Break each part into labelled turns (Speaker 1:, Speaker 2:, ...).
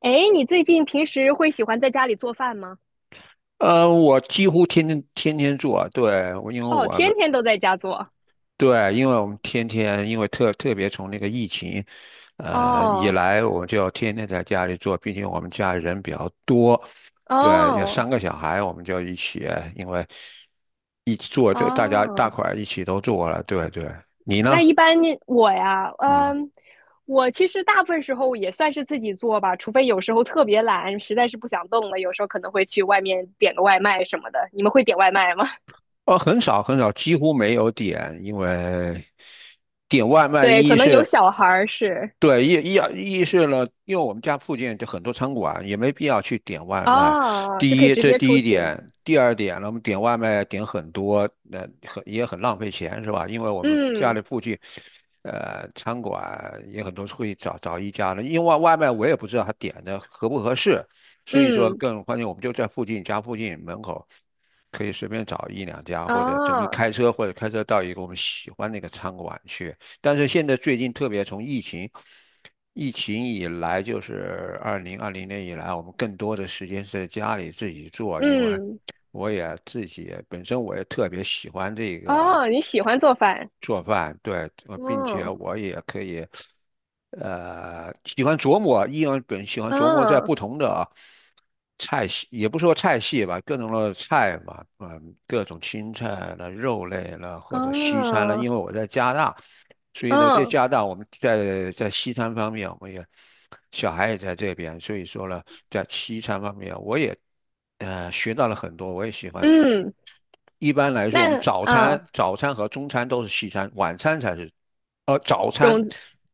Speaker 1: 哎，你最近平时会喜欢在家里做饭吗？
Speaker 2: 我几乎天天做啊。对，我因为
Speaker 1: 哦，
Speaker 2: 我们
Speaker 1: 天天都在家做。
Speaker 2: 对，因为我们天天特别从那个疫情以
Speaker 1: 哦
Speaker 2: 来，我就天天在家里做，毕竟我们家人比较多。对，有
Speaker 1: 哦
Speaker 2: 三个小孩，我们就一起，因为一起做，这大家大
Speaker 1: 哦，
Speaker 2: 块儿一起都做了。对对，你
Speaker 1: 那
Speaker 2: 呢？
Speaker 1: 一般你我呀，
Speaker 2: 嗯。
Speaker 1: 我其实大部分时候也算是自己做吧，除非有时候特别懒，实在是不想动了，有时候可能会去外面点个外卖什么的。你们会点外卖吗？
Speaker 2: 哦，很少很少，几乎没有点，因为点外 卖
Speaker 1: 对，
Speaker 2: 一
Speaker 1: 可能有
Speaker 2: 是。
Speaker 1: 小孩儿是
Speaker 2: 对，意识了，因为我们家附近就很多餐馆，也没必要去点外卖。
Speaker 1: 哦，就
Speaker 2: 第
Speaker 1: 可以
Speaker 2: 一，
Speaker 1: 直
Speaker 2: 这
Speaker 1: 接
Speaker 2: 第
Speaker 1: 出
Speaker 2: 一
Speaker 1: 去。
Speaker 2: 点。第二点呢，我们点外卖点很多，也很浪费钱，是吧？因为我们家
Speaker 1: 嗯
Speaker 2: 里附近，餐馆也很多，会找一家的。因为外卖我也不知道他点的合不合适，所以说
Speaker 1: 嗯，
Speaker 2: 更关键，我们就在附近家附近门口。可以随便找一两家，或者怎么就
Speaker 1: 哦
Speaker 2: 开车，或者开车到一个我们喜欢那个餐馆去。但是现在最近，特别从疫情以来，就是2020年以来，我们更多的时间是在家里自己做。因为
Speaker 1: 嗯
Speaker 2: 自己本身我也特别喜欢这个。
Speaker 1: 哦，你喜欢做饭？
Speaker 2: 做饭，对。并且
Speaker 1: 嗯
Speaker 2: 我也可以，喜欢琢磨，依然本喜欢琢磨在
Speaker 1: 嗯
Speaker 2: 不同的菜系，也不说菜系吧，各种的菜嘛。嗯，各种青菜了、肉类了，或者西餐了。
Speaker 1: 哦，
Speaker 2: 因为我在加拿大，所以呢，在
Speaker 1: 嗯
Speaker 2: 加拿大我们在西餐方面，我们也小孩也在这边。所以说呢，在西餐方面我也学到了很多，我也喜欢。
Speaker 1: 嗯，
Speaker 2: 一般来说，我们
Speaker 1: 那啊，
Speaker 2: 早餐和中餐都是西餐，晚餐才是，呃，早餐，
Speaker 1: 种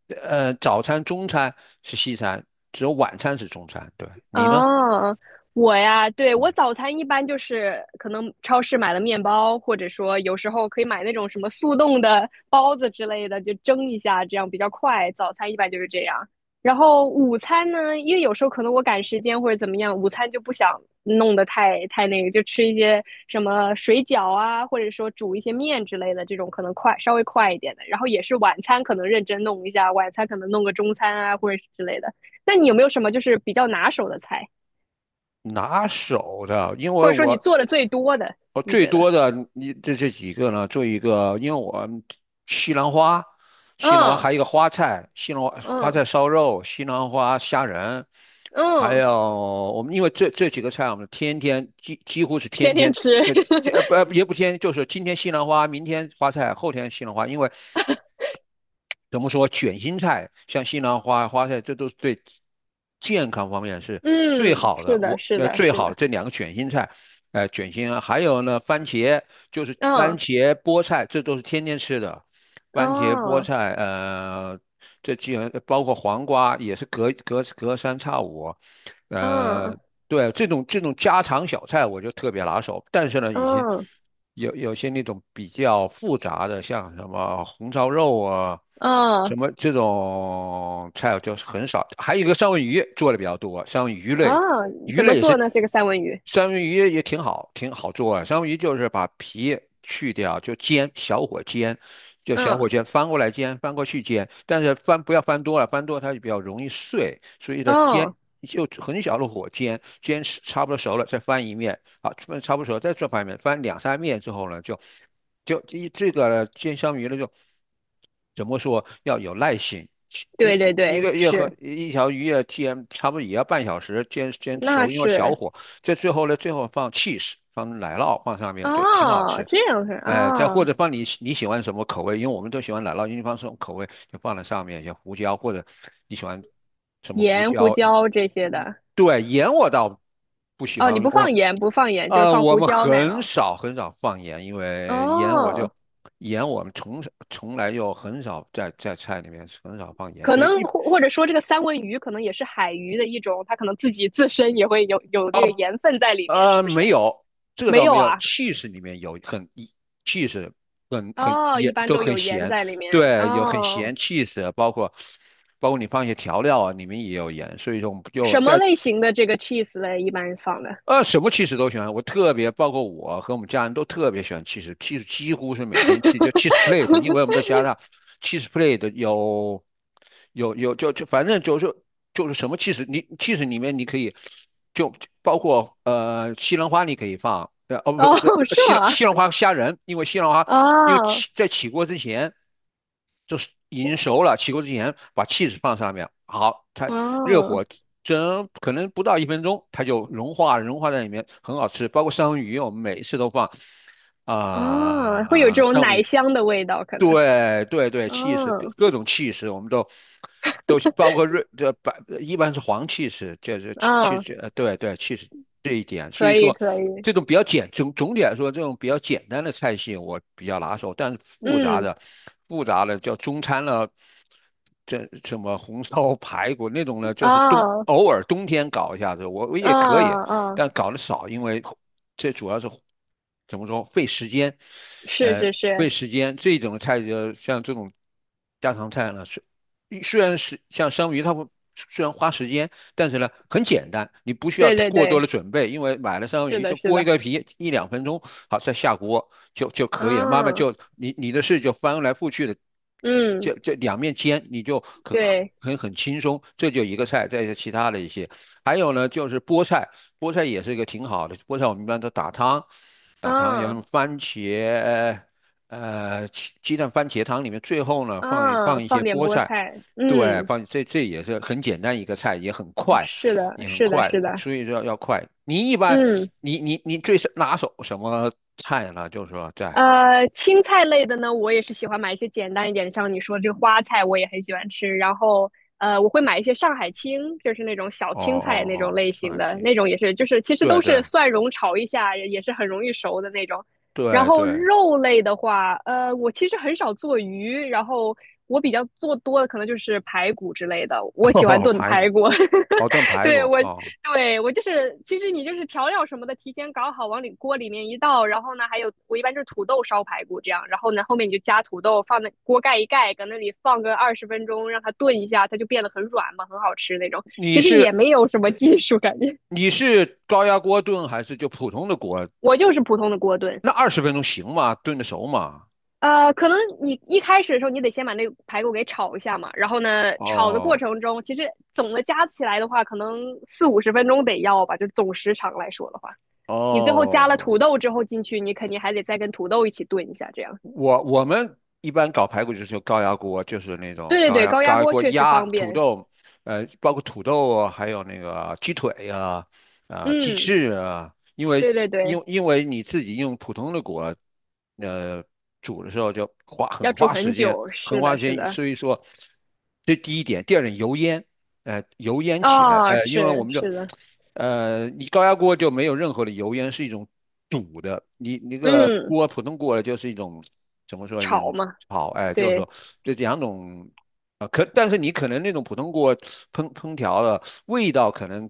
Speaker 2: 中餐是西餐，只有晚餐是中餐。对，你呢？
Speaker 1: 哦，我呀，对，我
Speaker 2: 嗯。
Speaker 1: 早餐一般就是可能超市买了面包，或者说有时候可以买那种什么速冻的包子之类的，就蒸一下，这样比较快。早餐一般就是这样。然后午餐呢，因为有时候可能我赶时间或者怎么样，午餐就不想弄得太那个，就吃一些什么水饺啊，或者说煮一些面之类的这种，可能快稍微快一点的。然后也是晚餐可能认真弄一下，晚餐可能弄个中餐啊或者是之类的。那你有没有什么就是比较拿手的菜，
Speaker 2: 拿手的，因为
Speaker 1: 或者说你
Speaker 2: 我
Speaker 1: 做的最多的？
Speaker 2: 我
Speaker 1: 你
Speaker 2: 最
Speaker 1: 觉得？
Speaker 2: 多的你这几个呢，做一个，因为我们西兰花，西兰花
Speaker 1: 嗯
Speaker 2: 还有一个花菜，西兰花花
Speaker 1: 嗯
Speaker 2: 菜烧肉，西兰花虾仁，还
Speaker 1: 嗯，
Speaker 2: 有。我们因为这几个菜，我们天天几乎是天
Speaker 1: 天天
Speaker 2: 天。
Speaker 1: 吃。
Speaker 2: 呃，这不也不天，就是今天西兰花，明天花菜，后天西兰花。因为怎么说卷心菜，像西兰花、花菜，这都是对健康方面是最
Speaker 1: 嗯，
Speaker 2: 好的。
Speaker 1: 是的，是的，
Speaker 2: 最
Speaker 1: 是
Speaker 2: 好的
Speaker 1: 的。
Speaker 2: 这两个卷心菜，卷心啊，还有呢，番茄，就是番
Speaker 1: 嗯
Speaker 2: 茄、菠菜，这都是天天吃的。番茄、菠
Speaker 1: 哦
Speaker 2: 菜，这既然包括黄瓜，也是隔三差五。呃，
Speaker 1: 嗯
Speaker 2: 对，这种家常小菜我就特别拿手。但是呢，
Speaker 1: 嗯
Speaker 2: 有些那种比较复杂的，像什么红烧肉啊，什
Speaker 1: 嗯
Speaker 2: 么这种菜就是很少。还有一个三文鱼做的比较多，三文鱼类，
Speaker 1: 嗯，
Speaker 2: 鱼
Speaker 1: 怎么
Speaker 2: 类也
Speaker 1: 做
Speaker 2: 是，
Speaker 1: 呢？这个三文鱼？
Speaker 2: 三文鱼也挺好，挺好做啊。三文鱼就是把皮去掉，就煎，小火煎，就小火
Speaker 1: 嗯
Speaker 2: 煎，翻过来煎，翻过去煎，但是翻不要翻多了，翻多了它就比较容易碎。所以呢煎
Speaker 1: 哦，
Speaker 2: 就很小的火煎，煎差不多熟了再翻一面。好，翻差不多熟了再翻一面，翻两三面之后呢，就就一这个煎香鱼呢怎么说，要有耐心。一
Speaker 1: 对对
Speaker 2: 一
Speaker 1: 对，
Speaker 2: 个月和
Speaker 1: 是，
Speaker 2: 一条鱼要煎，差不多也要半小时煎
Speaker 1: 那
Speaker 2: 熟，因为小
Speaker 1: 是
Speaker 2: 火。最后呢，最后放 cheese，放奶酪放上面就挺好
Speaker 1: 哦，
Speaker 2: 吃。
Speaker 1: 这样是
Speaker 2: 哎，再或
Speaker 1: 哦，
Speaker 2: 者放你喜欢什么口味，因为我们都喜欢奶酪，因为放什么口味就放在上面，像胡椒或者你喜欢什么胡
Speaker 1: 盐、胡
Speaker 2: 椒。
Speaker 1: 椒这些
Speaker 2: 一
Speaker 1: 的。
Speaker 2: 对，盐我倒不喜
Speaker 1: 哦，你
Speaker 2: 欢用。
Speaker 1: 不放盐，不放盐，就是放
Speaker 2: 我
Speaker 1: 胡
Speaker 2: 们
Speaker 1: 椒奶
Speaker 2: 很
Speaker 1: 酪。
Speaker 2: 少很少放盐，因为
Speaker 1: 哦
Speaker 2: 盐我们从来就很少在菜里面很少放盐，
Speaker 1: 可
Speaker 2: 所以
Speaker 1: 能或者说这个三文鱼可能也是海鱼的一种，它可能自己自身也会有这个盐分在里面，是不是？
Speaker 2: 没有，这个
Speaker 1: 没
Speaker 2: 倒
Speaker 1: 有
Speaker 2: 没有。
Speaker 1: 啊？
Speaker 2: cheese 里面有cheese， 很
Speaker 1: 哦，一
Speaker 2: 也
Speaker 1: 般
Speaker 2: 都
Speaker 1: 都
Speaker 2: 很
Speaker 1: 有盐
Speaker 2: 咸。
Speaker 1: 在里面。
Speaker 2: 对，有很
Speaker 1: 哦，
Speaker 2: 咸 cheese，包括你放一些调料啊，里面也有盐。所以说，我们就
Speaker 1: 什么
Speaker 2: 在
Speaker 1: 类型的这个 cheese 嘞？一般放的？
Speaker 2: 什么汽水都喜欢。我特别包括我和我们家人都特别喜欢汽水，汽水几乎是每天吃，就 cheese plate。因为我 们在加拿大，cheese plate 有反正就是什么汽水。你汽水里面你可以就包括西兰花你可以放，
Speaker 1: 哦，
Speaker 2: 不
Speaker 1: 是吗？
Speaker 2: 西兰花虾仁。因为西兰花因为
Speaker 1: 哦，
Speaker 2: 起在起锅之前已经熟了，起锅之前把 ch 放上面。好，它热
Speaker 1: 哦，
Speaker 2: 火蒸可能不到1分钟，它就融化在里面，很好吃。包括三文鱼，我们每一次都放
Speaker 1: 哦，会有
Speaker 2: 啊、
Speaker 1: 这种
Speaker 2: 三文
Speaker 1: 奶
Speaker 2: 鱼
Speaker 1: 香的味道，可能。
Speaker 2: 对对对，气势
Speaker 1: 哦，
Speaker 2: 各种气势，我们都包括瑞这白。一般是黄气势，就是气
Speaker 1: 哦，
Speaker 2: 势，对对，气势这一点。所
Speaker 1: 可
Speaker 2: 以
Speaker 1: 以，
Speaker 2: 说，
Speaker 1: 可以。
Speaker 2: 这种比较简总总体来说，这种比较简单的菜系我比较拿手。但是复杂
Speaker 1: 嗯，
Speaker 2: 的，叫中餐了。这什么红烧 排骨那种呢，就是
Speaker 1: 哦，
Speaker 2: 偶尔冬天搞一下子，我
Speaker 1: 哦，
Speaker 2: 也可以。
Speaker 1: 哦，
Speaker 2: 但搞得少，因为这主要是怎么说，费时间，
Speaker 1: 是
Speaker 2: 呃，
Speaker 1: 是是，
Speaker 2: 费时间这种菜。就像这种家常菜呢，虽然是像生鱼，它会虽然花时间，但是呢很简单，你不需要
Speaker 1: 对对
Speaker 2: 过多
Speaker 1: 对，
Speaker 2: 的准备，因为买了生
Speaker 1: 是
Speaker 2: 鱼
Speaker 1: 的，
Speaker 2: 就
Speaker 1: 是
Speaker 2: 剥一
Speaker 1: 的。
Speaker 2: 个皮，一两分钟。好，再下锅就可以了，慢慢
Speaker 1: 嗯
Speaker 2: 你的事就翻来覆去的，
Speaker 1: 嗯。
Speaker 2: 两面煎，你就
Speaker 1: 对，
Speaker 2: 很轻松。这就一个菜，再一些其他的一些。还有呢，就是菠菜，菠菜也是一个挺好的。菠菜我们一般都打汤，然
Speaker 1: 啊
Speaker 2: 后番茄，鸡蛋番茄汤里面，最后呢
Speaker 1: 啊，
Speaker 2: 放一些
Speaker 1: 放点
Speaker 2: 菠
Speaker 1: 菠
Speaker 2: 菜。
Speaker 1: 菜，
Speaker 2: 对，
Speaker 1: 嗯，
Speaker 2: 这也是很简单一个菜，也很快，
Speaker 1: 是的，是的，是的，
Speaker 2: 所以说要快。你一般，
Speaker 1: 嗯。
Speaker 2: 你最是拿手什么菜呢？就是说在
Speaker 1: 青菜类的呢，我也是喜欢买一些简单一点的，像你说这个花菜，我也很喜欢吃。然后，我会买一些上海青，就是那种小
Speaker 2: 哦
Speaker 1: 青
Speaker 2: 哦
Speaker 1: 菜那种
Speaker 2: 哦，
Speaker 1: 类
Speaker 2: 上
Speaker 1: 型
Speaker 2: 海
Speaker 1: 的，
Speaker 2: 青，
Speaker 1: 那种也是，就是其实
Speaker 2: 对
Speaker 1: 都是
Speaker 2: 对
Speaker 1: 蒜蓉炒一下，也是很容易熟的那种。然
Speaker 2: 对
Speaker 1: 后
Speaker 2: 对。
Speaker 1: 肉类的话，我其实很少做鱼，然后我比较做多的可能就是排骨之类的，我 喜欢
Speaker 2: 哦，
Speaker 1: 炖
Speaker 2: 排骨。
Speaker 1: 排骨。
Speaker 2: 哦，炖 排骨
Speaker 1: 对，我
Speaker 2: 哦。
Speaker 1: 对我就是，其实你就是调料什么的提前搞好，往里锅里面一倒，然后呢，还有我一般就是土豆烧排骨这样，然后呢后面你就加土豆，放那锅盖一盖，搁那里放个20分钟，让它炖一下，它就变得很软嘛，很好吃那种。
Speaker 2: 你
Speaker 1: 其实也
Speaker 2: 是
Speaker 1: 没有什么技术，感觉
Speaker 2: 你是高压锅炖还是就普通的锅？
Speaker 1: 我就是普通的锅炖。
Speaker 2: 那20分钟行吗？炖得熟吗？
Speaker 1: 可能你一开始的时候，你得先把那个排骨给炒一下嘛。然后呢，炒的过
Speaker 2: 哦
Speaker 1: 程中，其实总的加起来的话，可能四五十分钟得要吧，就总时长来说的话。你最后加了土
Speaker 2: 哦。
Speaker 1: 豆之后进去，你肯定还得再跟土豆一起炖一下，这样。
Speaker 2: 我们一般搞排骨就是用高压锅，就是那
Speaker 1: 对
Speaker 2: 种
Speaker 1: 对对，高压
Speaker 2: 高压
Speaker 1: 锅
Speaker 2: 锅
Speaker 1: 确实
Speaker 2: 压
Speaker 1: 方
Speaker 2: 土
Speaker 1: 便。
Speaker 2: 豆，包括土豆啊还有那个鸡腿呀，鸡
Speaker 1: 嗯，
Speaker 2: 翅啊。因为
Speaker 1: 对对对，
Speaker 2: 因为你自己用普通的锅，呃，煮的时候就
Speaker 1: 要
Speaker 2: 很
Speaker 1: 煮
Speaker 2: 花
Speaker 1: 很
Speaker 2: 时间，
Speaker 1: 久。
Speaker 2: 很
Speaker 1: 是
Speaker 2: 花
Speaker 1: 的，
Speaker 2: 时
Speaker 1: 是
Speaker 2: 间，
Speaker 1: 的，
Speaker 2: 所以说这第一点。第二点油烟，油烟起来，
Speaker 1: 啊、
Speaker 2: 呃，因为我
Speaker 1: 是
Speaker 2: 们这。
Speaker 1: 是的，
Speaker 2: 你高压锅就没有任何的油烟，是一种堵的。你那个
Speaker 1: 嗯，
Speaker 2: 锅，普通锅了，就是一种怎么说，一
Speaker 1: 炒
Speaker 2: 种
Speaker 1: 嘛，
Speaker 2: 好。哎，就是说
Speaker 1: 对，
Speaker 2: 这两种但是你可能那种普通锅烹调的味道，可能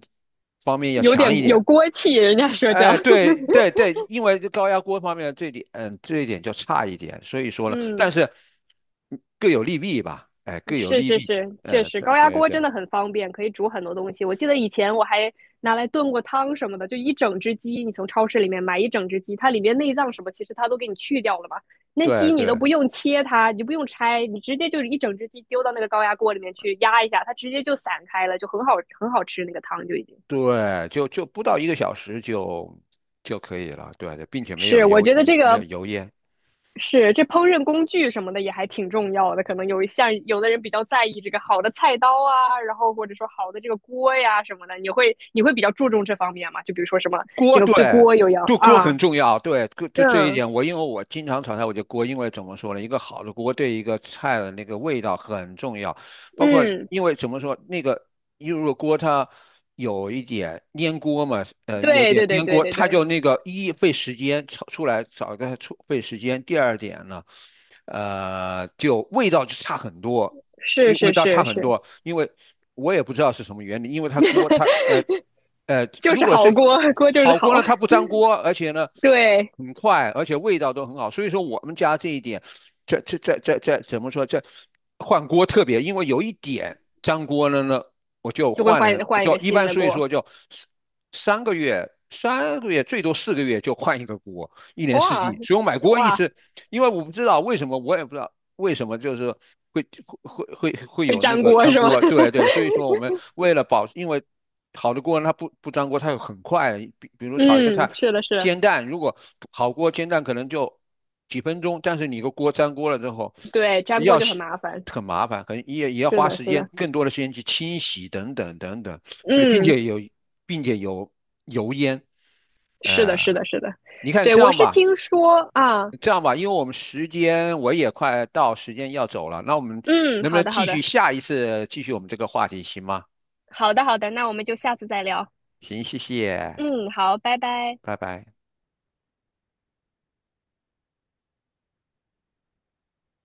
Speaker 2: 方面要
Speaker 1: 有点
Speaker 2: 强一点。
Speaker 1: 有锅气，人家说叫，
Speaker 2: 哎，对对对，因为这高压锅方面这点。嗯，这一点就差一点。所以说 呢，但
Speaker 1: 嗯。
Speaker 2: 是嗯各有利弊吧。哎，各有
Speaker 1: 是
Speaker 2: 利
Speaker 1: 是
Speaker 2: 弊。
Speaker 1: 是，确
Speaker 2: 哎，
Speaker 1: 实
Speaker 2: 对
Speaker 1: 高压
Speaker 2: 对
Speaker 1: 锅
Speaker 2: 对
Speaker 1: 真的很方便，可以煮很多东西。我记得以前我还拿来炖过汤什么的，就一整只鸡，你从超市里面买一整只鸡，它里面内脏什么其实它都给你去掉了嘛，那
Speaker 2: 对
Speaker 1: 鸡你都
Speaker 2: 对。
Speaker 1: 不用切它，你就不用拆，你直接就是一整只鸡丢到那个高压锅里面去压一下，它直接就散开了，就很好很好吃那个汤就已经。
Speaker 2: 对，不到1个小时就可以了。对，并且没有
Speaker 1: 是，我觉得这
Speaker 2: 没有
Speaker 1: 个
Speaker 2: 油烟。
Speaker 1: 是，这烹饪工具什么的也还挺重要的，可能有一项有的人比较在意这个好的菜刀啊，然后或者说好的这个锅呀什么的，你会你会比较注重这方面吗？就比如说什么
Speaker 2: 锅，
Speaker 1: 这个对
Speaker 2: 对。
Speaker 1: 锅有要
Speaker 2: 就锅
Speaker 1: 啊，
Speaker 2: 很重要。对，这一
Speaker 1: 嗯
Speaker 2: 点我因为我经常炒菜，我就锅。因为怎么说呢，一个好的锅对一个菜的那个味道很重要，包括
Speaker 1: 嗯，
Speaker 2: 因为怎么说那个，因为如果锅它有一点粘锅嘛，有
Speaker 1: 对
Speaker 2: 点
Speaker 1: 对对
Speaker 2: 粘
Speaker 1: 对
Speaker 2: 锅，
Speaker 1: 对
Speaker 2: 它就
Speaker 1: 对，
Speaker 2: 那个费时间炒出来，炒个出费时间，第二点呢，就味道就差很多，因
Speaker 1: 是
Speaker 2: 为味
Speaker 1: 是
Speaker 2: 道差
Speaker 1: 是
Speaker 2: 很
Speaker 1: 是，
Speaker 2: 多。因为我也不知道是什么原理，因为它锅它。
Speaker 1: 就
Speaker 2: 如
Speaker 1: 是
Speaker 2: 果
Speaker 1: 好
Speaker 2: 是
Speaker 1: 锅，锅就是
Speaker 2: 好
Speaker 1: 好，
Speaker 2: 锅呢，它不粘锅，而且呢
Speaker 1: 对，
Speaker 2: 很快，而且味道都很好。所以说我们家这一点，这怎么说？换锅特别，因为有一点粘锅了呢，我就
Speaker 1: 就会
Speaker 2: 换
Speaker 1: 换
Speaker 2: 了，
Speaker 1: 换一
Speaker 2: 就
Speaker 1: 个
Speaker 2: 一
Speaker 1: 新
Speaker 2: 般
Speaker 1: 的
Speaker 2: 所以
Speaker 1: 锅，
Speaker 2: 说就三三个月。3个月最多4个月就换一个锅，一年四
Speaker 1: 哇
Speaker 2: 季。所以我买锅一
Speaker 1: 哇，
Speaker 2: 直。因为我不知道为什么，我也不知道为什么就是会会
Speaker 1: 会
Speaker 2: 有那
Speaker 1: 粘
Speaker 2: 个
Speaker 1: 锅
Speaker 2: 粘
Speaker 1: 是吗？
Speaker 2: 锅？对对，所以说我们为了保，因为好的锅它不粘锅，它很快。比 如炒一个菜，
Speaker 1: 嗯，是的是的
Speaker 2: 煎蛋，如果好锅煎蛋可能就几分钟。但是你个锅粘锅了之后，
Speaker 1: 对，粘锅
Speaker 2: 要
Speaker 1: 就很
Speaker 2: 洗
Speaker 1: 麻烦，
Speaker 2: 很麻烦，可能也要
Speaker 1: 是
Speaker 2: 花
Speaker 1: 的
Speaker 2: 时
Speaker 1: 是
Speaker 2: 间，
Speaker 1: 的，
Speaker 2: 更多的时间去清洗等等等等。所以并
Speaker 1: 嗯。
Speaker 2: 且有，并且有油烟，
Speaker 1: 是
Speaker 2: 呃，
Speaker 1: 的，是的，是的，
Speaker 2: 你看
Speaker 1: 对，
Speaker 2: 这
Speaker 1: 我
Speaker 2: 样
Speaker 1: 是
Speaker 2: 吧。
Speaker 1: 听说啊，
Speaker 2: 这样吧，因为我也快到时间要走了，那我们
Speaker 1: 嗯，
Speaker 2: 能不
Speaker 1: 好
Speaker 2: 能
Speaker 1: 的，好的，
Speaker 2: 下一次继续我们这个话题，行吗？
Speaker 1: 好的，好的，那我们就下次再聊，
Speaker 2: 行，谢谢，
Speaker 1: 嗯，好，拜拜。
Speaker 2: 拜拜。